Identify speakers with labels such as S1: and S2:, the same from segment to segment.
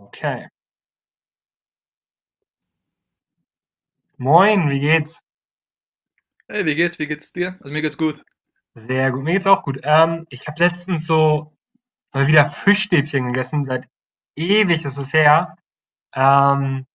S1: Okay. Moin, wie geht's?
S2: Hey, wie geht's? Wie geht's dir? Also mir geht's gut.
S1: Sehr gut, mir geht's auch gut. Ich habe letztens so mal wieder Fischstäbchen gegessen, seit ewig ist es her. Ähm,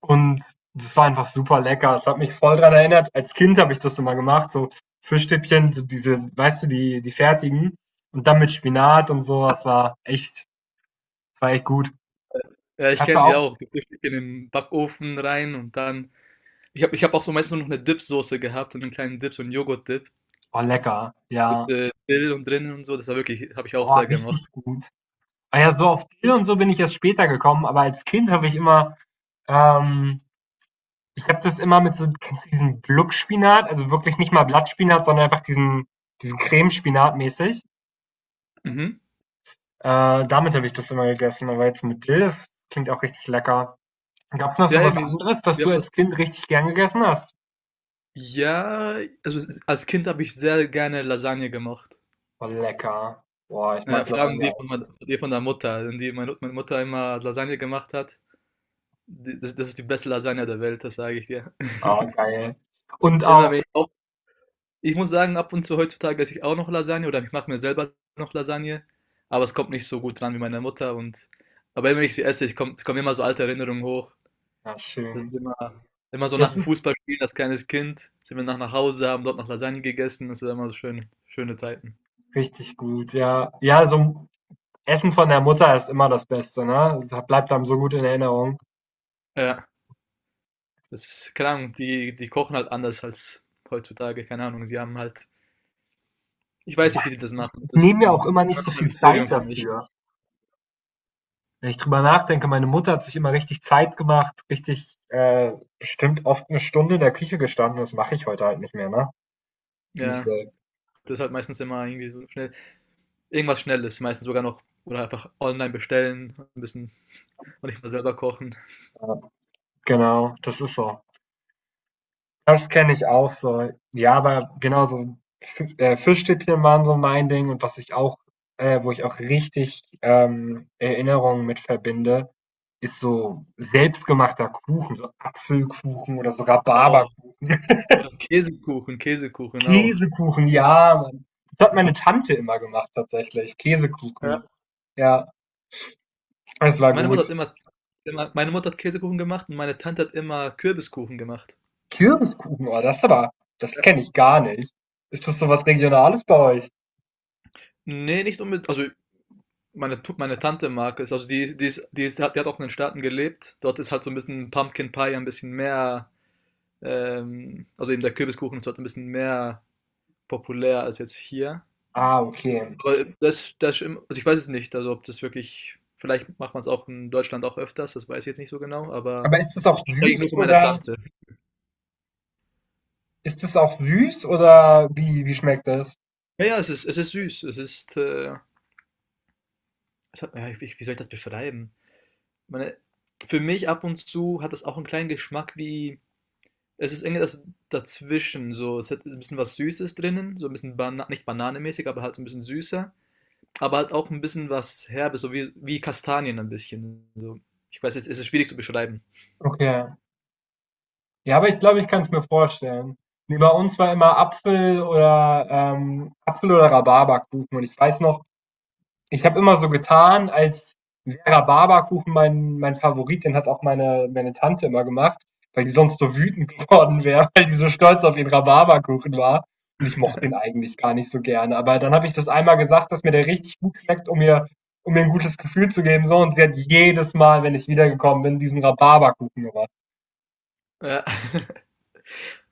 S1: und das war einfach super lecker. Es hat mich voll dran erinnert. Als Kind habe ich das immer gemacht, so Fischstäbchen, so diese, weißt du, die fertigen. Und dann mit Spinat und so, das war echt gut.
S2: Ja, ich
S1: Hast du
S2: kenne die
S1: auch?
S2: auch. Die Frühstück in den Backofen rein und dann. Ich hab auch so meistens noch eine Dipsoße gehabt und einen kleinen Dip, so einen Joghurt-Dip
S1: Oh, lecker.
S2: mit
S1: Ja.
S2: Dill und drinnen und so. Das war wirklich, habe ich auch
S1: Oh,
S2: sehr gemacht.
S1: richtig gut. Ah ja, so auf Dill und so bin ich erst später gekommen, aber als Kind habe ich immer. Ähm, Ich habe das immer mit so kennst du diesen Gluckspinat, also wirklich nicht mal Blattspinat, sondern einfach diesen Cremespinat mäßig.
S2: Mhm.
S1: Damit habe ich das immer gegessen, aber jetzt mit Dill, das klingt auch richtig lecker. Gab es noch so
S2: Ja,
S1: was
S2: eben,
S1: anderes, was
S2: wir
S1: du
S2: haben das.
S1: als Kind richtig gern gegessen hast?
S2: Ja, also als Kind habe ich sehr gerne Lasagne gemacht.
S1: Boah, lecker. Boah, ich
S2: Ja,
S1: mag
S2: vor allem
S1: Lasagne
S2: die
S1: auch.
S2: von, die von der Mutter, denn die meine Mutter immer Lasagne gemacht hat. Das ist die beste Lasagne der Welt, das sage ich dir.
S1: Ah, geil. Und
S2: Immer
S1: auch,
S2: wenn ich Ich muss sagen, ab und zu heutzutage esse ich auch noch Lasagne oder ich mache mir selber noch Lasagne, aber es kommt nicht so gut dran wie meine Mutter und aber wenn ich sie esse, es kommen immer so alte Erinnerungen hoch.
S1: ja,
S2: Das ist
S1: schön.
S2: immer, immer so nach
S1: Das
S2: dem
S1: ist
S2: Fußballspielen als kleines Kind, sind wir nach Hause, haben dort noch Lasagne gegessen, das sind immer so schöne, schöne Zeiten.
S1: richtig gut, ja. Ja, so Essen von der Mutter ist immer das Beste, ne? Das bleibt einem so gut in Erinnerung.
S2: Ja, das ist, keine Ahnung, die kochen halt anders als heutzutage, keine Ahnung, sie haben halt, ich weiß
S1: Ja,
S2: nicht, wie die das machen,
S1: ich
S2: das
S1: nehme
S2: ist
S1: mir
S2: dann
S1: auch immer nicht
S2: immer
S1: so
S2: noch ein
S1: viel Zeit
S2: Mysterium für mich.
S1: dafür. Wenn ich drüber nachdenke, meine Mutter hat sich immer richtig Zeit gemacht, richtig, bestimmt oft eine Stunde in der Küche gestanden. Das mache ich heute halt nicht mehr, ne? Für mich
S2: Ja,
S1: selbst.
S2: das ist halt meistens immer irgendwie so schnell. Irgendwas Schnelles, meistens sogar noch. Oder einfach online bestellen, ein bisschen und nicht mal selber kochen.
S1: Ja, genau, das ist so. Das kenne ich auch so. Ja, aber genau so, Fischstäbchen waren so mein Ding und was ich auch wo ich auch richtig, Erinnerungen mit verbinde, ist so selbstgemachter Kuchen, so Apfelkuchen oder so
S2: Oh,
S1: Rhabarberkuchen.
S2: oder Käsekuchen, Käsekuchen auch.
S1: Käsekuchen, ja, Mann. Das hat meine Tante immer gemacht tatsächlich,
S2: Ja.
S1: Käsekuchen. Ja, das war
S2: Meine Mutter hat
S1: gut.
S2: immer, immer, meine Mutter hat Käsekuchen gemacht und meine Tante hat immer Kürbiskuchen gemacht.
S1: Kürbiskuchen, oh, das ist aber das
S2: Ja.
S1: kenne ich gar nicht. Ist das so was Regionales bei euch?
S2: Nee, nicht unbedingt. Also meine, meine Tante mag es. Also die auch in den Staaten gelebt. Dort ist halt so ein bisschen Pumpkin Pie ein bisschen mehr, also eben der Kürbiskuchen ist dort ein bisschen mehr populär als jetzt hier.
S1: Ah, okay.
S2: Aber das das also, ich weiß es nicht, also, ob das wirklich vielleicht macht man es auch in Deutschland auch öfters, das weiß ich jetzt nicht so genau, aber
S1: Aber ist das
S2: ich
S1: auch
S2: kenn's eigentlich nur
S1: süß
S2: von meiner
S1: oder
S2: Tante.
S1: wie wie schmeckt das?
S2: Ja, ja, es ist süß. Es ist, es hat ja, wie soll ich das beschreiben? Ich meine, für mich ab und zu hat das auch einen kleinen Geschmack wie es ist irgendwas dazwischen so. Es hat ein bisschen was Süßes drinnen, so ein bisschen Bana nicht bananenmäßig, aber halt so ein bisschen süßer, aber halt auch ein bisschen was Herbes, so wie Kastanien ein bisschen so. Ich weiß jetzt, es ist schwierig zu beschreiben.
S1: Okay. Ja, aber ich glaube, ich kann es mir vorstellen. Nee, bei uns war immer Apfel oder Apfel oder Rhabarberkuchen und ich weiß noch Ich habe immer so getan, als Vera Barberkuchen mein Favorit, den hat auch meine Tante immer gemacht, weil die sonst so wütend geworden wäre, weil die so stolz auf ihren Rhabarberkuchen war. Und ich mochte den eigentlich gar nicht so gerne. Aber dann habe ich das einmal gesagt, dass mir der richtig gut schmeckt, um mir ein gutes Gefühl zu geben. So, und sie hat jedes Mal, wenn ich wiedergekommen bin, diesen Rhabarberkuchen gemacht.
S2: Ja.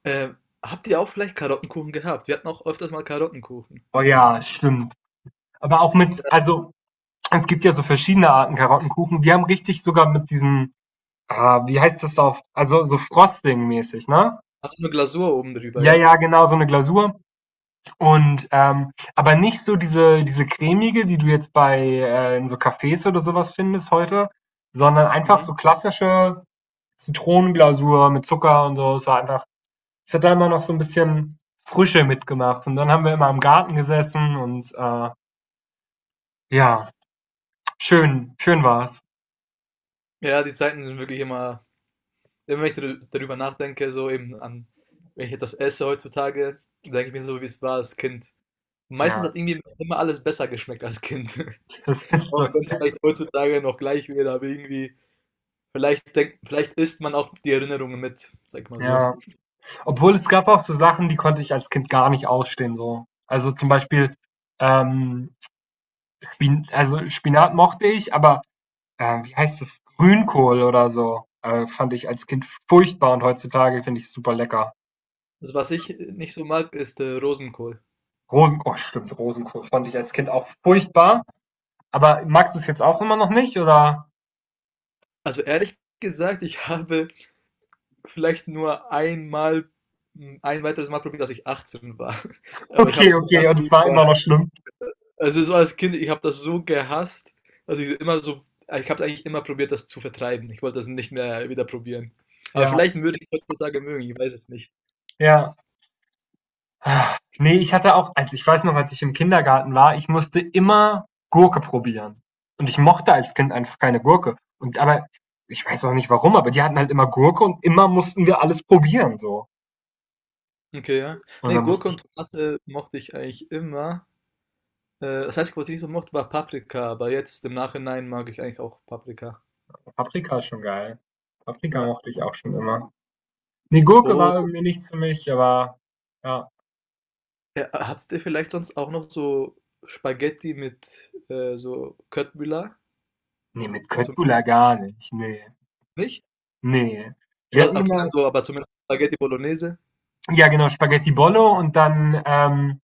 S2: Ähm, habt ihr auch vielleicht Karottenkuchen gehabt? Wir hatten auch öfters mal Karottenkuchen.
S1: Oh ja, stimmt. Aber auch mit,
S2: Ja.
S1: also es gibt ja so verschiedene Arten Karottenkuchen. Wir haben richtig sogar mit diesem ah, wie heißt das auf, also so Frosting-mäßig, ne?
S2: Hast du eine Glasur oben drüber,
S1: Ja,
S2: ja.
S1: ja, genau, so eine Glasur. Und aber nicht so diese cremige, die du jetzt bei in so Cafés oder sowas findest heute, sondern einfach
S2: Mhm.
S1: so klassische Zitronenglasur mit Zucker und so. Es war einfach, es hat da immer noch so ein bisschen Frische mitgemacht. Und dann haben wir immer im Garten gesessen und ja, schön, schön war's.
S2: Ja, die Zeiten sind wirklich immer, immer wenn ich darüber nachdenke, so eben an, wenn ich etwas esse heutzutage, denke ich mir so, wie es war als Kind. Meistens
S1: Ja,
S2: hat irgendwie immer alles besser geschmeckt als Kind.
S1: das ist
S2: Auch
S1: so,
S2: wenn es vielleicht heutzutage noch gleich wäre, aber irgendwie, vielleicht isst man auch die Erinnerungen mit, sag ich mal so.
S1: ja. Obwohl es gab auch so Sachen, die konnte ich als Kind gar nicht ausstehen, so. Also zum Beispiel, ähm, Spin also Spinat mochte ich, aber, wie heißt das? Grünkohl oder so, fand ich als Kind furchtbar und heutzutage finde ich es super lecker.
S2: Also was ich nicht so mag, ist Rosenkohl.
S1: Rosen oh stimmt, Rosenkohl fand ich als Kind auch furchtbar, aber magst du es jetzt auch immer noch nicht, oder?
S2: Also ehrlich gesagt, ich habe vielleicht nur einmal ein weiteres Mal probiert, als ich 18 war. Aber ich habe
S1: Okay,
S2: es
S1: okay,
S2: danach
S1: und es war immer
S2: über
S1: noch schlimm.
S2: also, so als Kind, ich habe das so gehasst, also ich immer so ich habe eigentlich immer probiert, das zu vertreiben. Ich wollte das nicht mehr wieder probieren. Aber
S1: Ja,
S2: vielleicht würde ich es heutzutage mögen, ich weiß es nicht.
S1: ja. Ne, ich hatte auch also, ich weiß noch, als ich im Kindergarten war, ich musste immer Gurke probieren. Und ich mochte als Kind einfach keine Gurke. Und aber ich weiß auch nicht warum, aber die hatten halt immer Gurke und immer mussten wir alles probieren so.
S2: Okay, ja.
S1: Und
S2: Nee,
S1: dann
S2: Gurke
S1: musste ich
S2: und Tomate mochte ich eigentlich immer. Das Einzige, was ich nicht so mochte, war Paprika, aber jetzt im Nachhinein mag ich eigentlich auch Paprika.
S1: Paprika ist schon geil. Paprika
S2: Ja.
S1: mochte ich auch schon immer. Ne, Gurke
S2: Oh.
S1: war irgendwie nicht für mich, aber ja.
S2: Ja, habt ihr vielleicht sonst auch noch so Spaghetti mit so Köttbullar?
S1: Ne, mit
S2: Mit so
S1: Köttbullar gar nicht. Ne,
S2: nicht?
S1: ne. Wir
S2: Oder
S1: hatten
S2: okay,
S1: immer
S2: dann so, aber zumindest Spaghetti Bolognese.
S1: ja genau, Spaghetti Bollo und dann,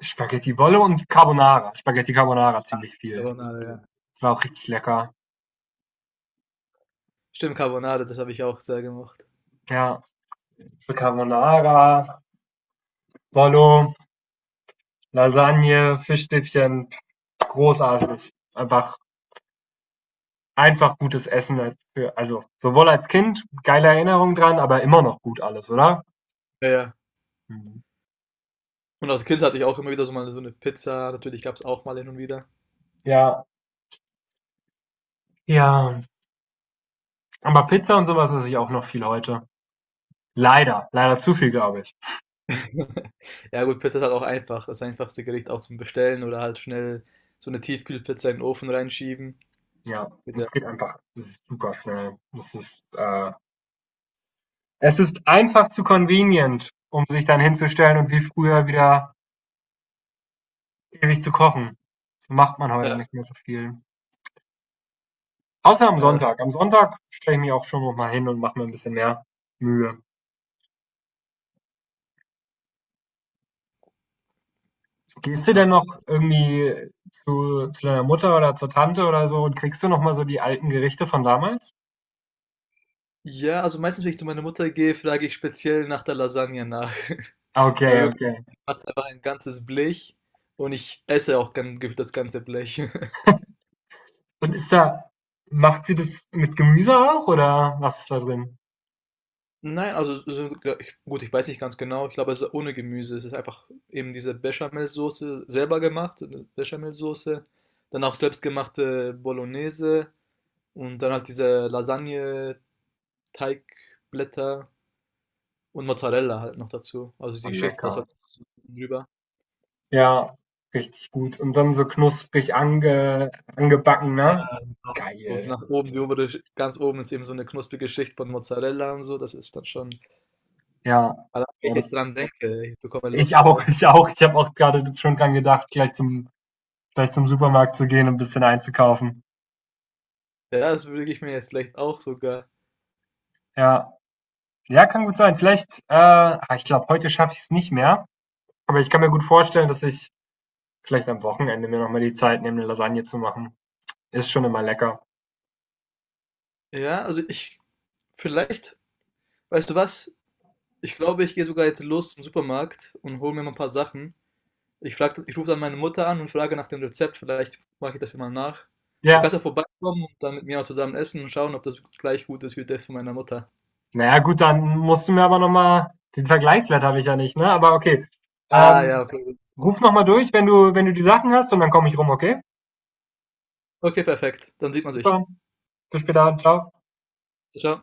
S1: Spaghetti Bollo und Carbonara. Spaghetti Carbonara ziemlich viel.
S2: Carbonara, ja.
S1: Es war auch richtig lecker.
S2: Stimmt, Carbonade, das habe ich auch sehr gemacht.
S1: Ja, Carbonara, Bollo, Lasagne, Fischstäbchen, großartig. Einfach, einfach gutes Essen. Für, also sowohl als Kind, geile Erinnerung dran, aber immer noch gut alles, oder?
S2: Ja, ja.
S1: Mhm.
S2: Und als Kind hatte ich auch immer wieder so mal so eine Pizza. Natürlich gab es auch mal hin und wieder.
S1: Ja, ja. Aber Pizza und sowas esse ich auch noch viel heute. Leider, leider zu viel, glaube ich.
S2: Ja, gut, Pizza ist halt auch einfach. Das einfachste Gericht auch zum Bestellen oder halt schnell so eine Tiefkühlpizza in den Ofen reinschieben.
S1: Ja,
S2: Geht ja.
S1: es geht einfach es ist super schnell. Es ist einfach zu convenient, um sich dann hinzustellen und wie früher wieder ewig zu kochen. Macht man heute
S2: Ja,
S1: nicht mehr so viel. Außer am
S2: ja,
S1: Sonntag. Am Sonntag stelle ich mich auch schon noch mal hin und mache mir ein bisschen mehr Mühe. Gehst du denn
S2: habt
S1: noch irgendwie zu deiner Mutter oder zur Tante oder so und kriegst du noch mal so die alten Gerichte von damals?
S2: ja, also meistens, wenn ich zu meiner Mutter gehe, frage ich speziell nach der Lasagne nach.
S1: Ah,
S2: Weil
S1: okay,
S2: wirklich,
S1: okay.
S2: ich mache einfach ein ganzes Blech und ich esse auch gern das ganze Blech.
S1: Und ist da, macht sie das mit Gemüse auch oder macht es da drin?
S2: Nein, also so, ja, ich, gut, ich weiß nicht ganz genau. Ich glaube, es ist ohne Gemüse. Es ist einfach eben diese Bechamelsoße selber gemacht, so eine Bechamelsoße, dann auch selbstgemachte Bolognese und dann halt diese Lasagne-Teigblätter und Mozzarella halt noch dazu. Also
S1: Oh,
S2: sie schichtet das halt
S1: lecker.
S2: so drüber.
S1: Ja, richtig gut. Und dann so knusprig ange, angebacken,
S2: Ja,
S1: ne?
S2: genau. So
S1: Geil.
S2: nach oben, die obere, ganz oben ist eben so eine knusprige Schicht von Mozzarella und so. Das ist dann schon.
S1: Ja,
S2: Aber wenn
S1: oh,
S2: ich jetzt
S1: das
S2: dran denke, ich bekomme
S1: Ich
S2: Lust
S1: auch,
S2: drauf.
S1: ich auch. Ich habe auch gerade schon dran gedacht, gleich zum Supermarkt zu gehen und ein bisschen einzukaufen.
S2: Ja, das würde ich mir jetzt vielleicht auch sogar.
S1: Ja, ja, kann gut sein. Vielleicht, ah, ich glaube, heute schaffe ich es nicht mehr. Aber ich kann mir gut vorstellen, dass ich vielleicht am Wochenende mir nochmal die Zeit nehme, eine Lasagne zu machen. Ist schon immer lecker.
S2: Ja, also ich, vielleicht, weißt du was? Ich glaube, ich gehe sogar jetzt los zum Supermarkt und hole mir mal ein paar Sachen. Ich rufe dann meine Mutter an und frage nach dem Rezept, vielleicht mache ich das ja mal nach. Du
S1: Ja,
S2: kannst ja vorbeikommen und dann mit mir auch zusammen essen und schauen, ob das gleich gut ist wie das von meiner Mutter.
S1: naja, gut, dann musst du mir aber nochmal, den Vergleichswert habe ich ja nicht, ne? Aber okay.
S2: Ah ja,
S1: Ähm,
S2: okay, das ist
S1: ruf
S2: nicht.
S1: nochmal durch, wenn du die Sachen hast und dann komme ich rum, okay?
S2: Okay, perfekt. Dann sieht man sich.
S1: Super. Bis später, ciao.
S2: Ciao.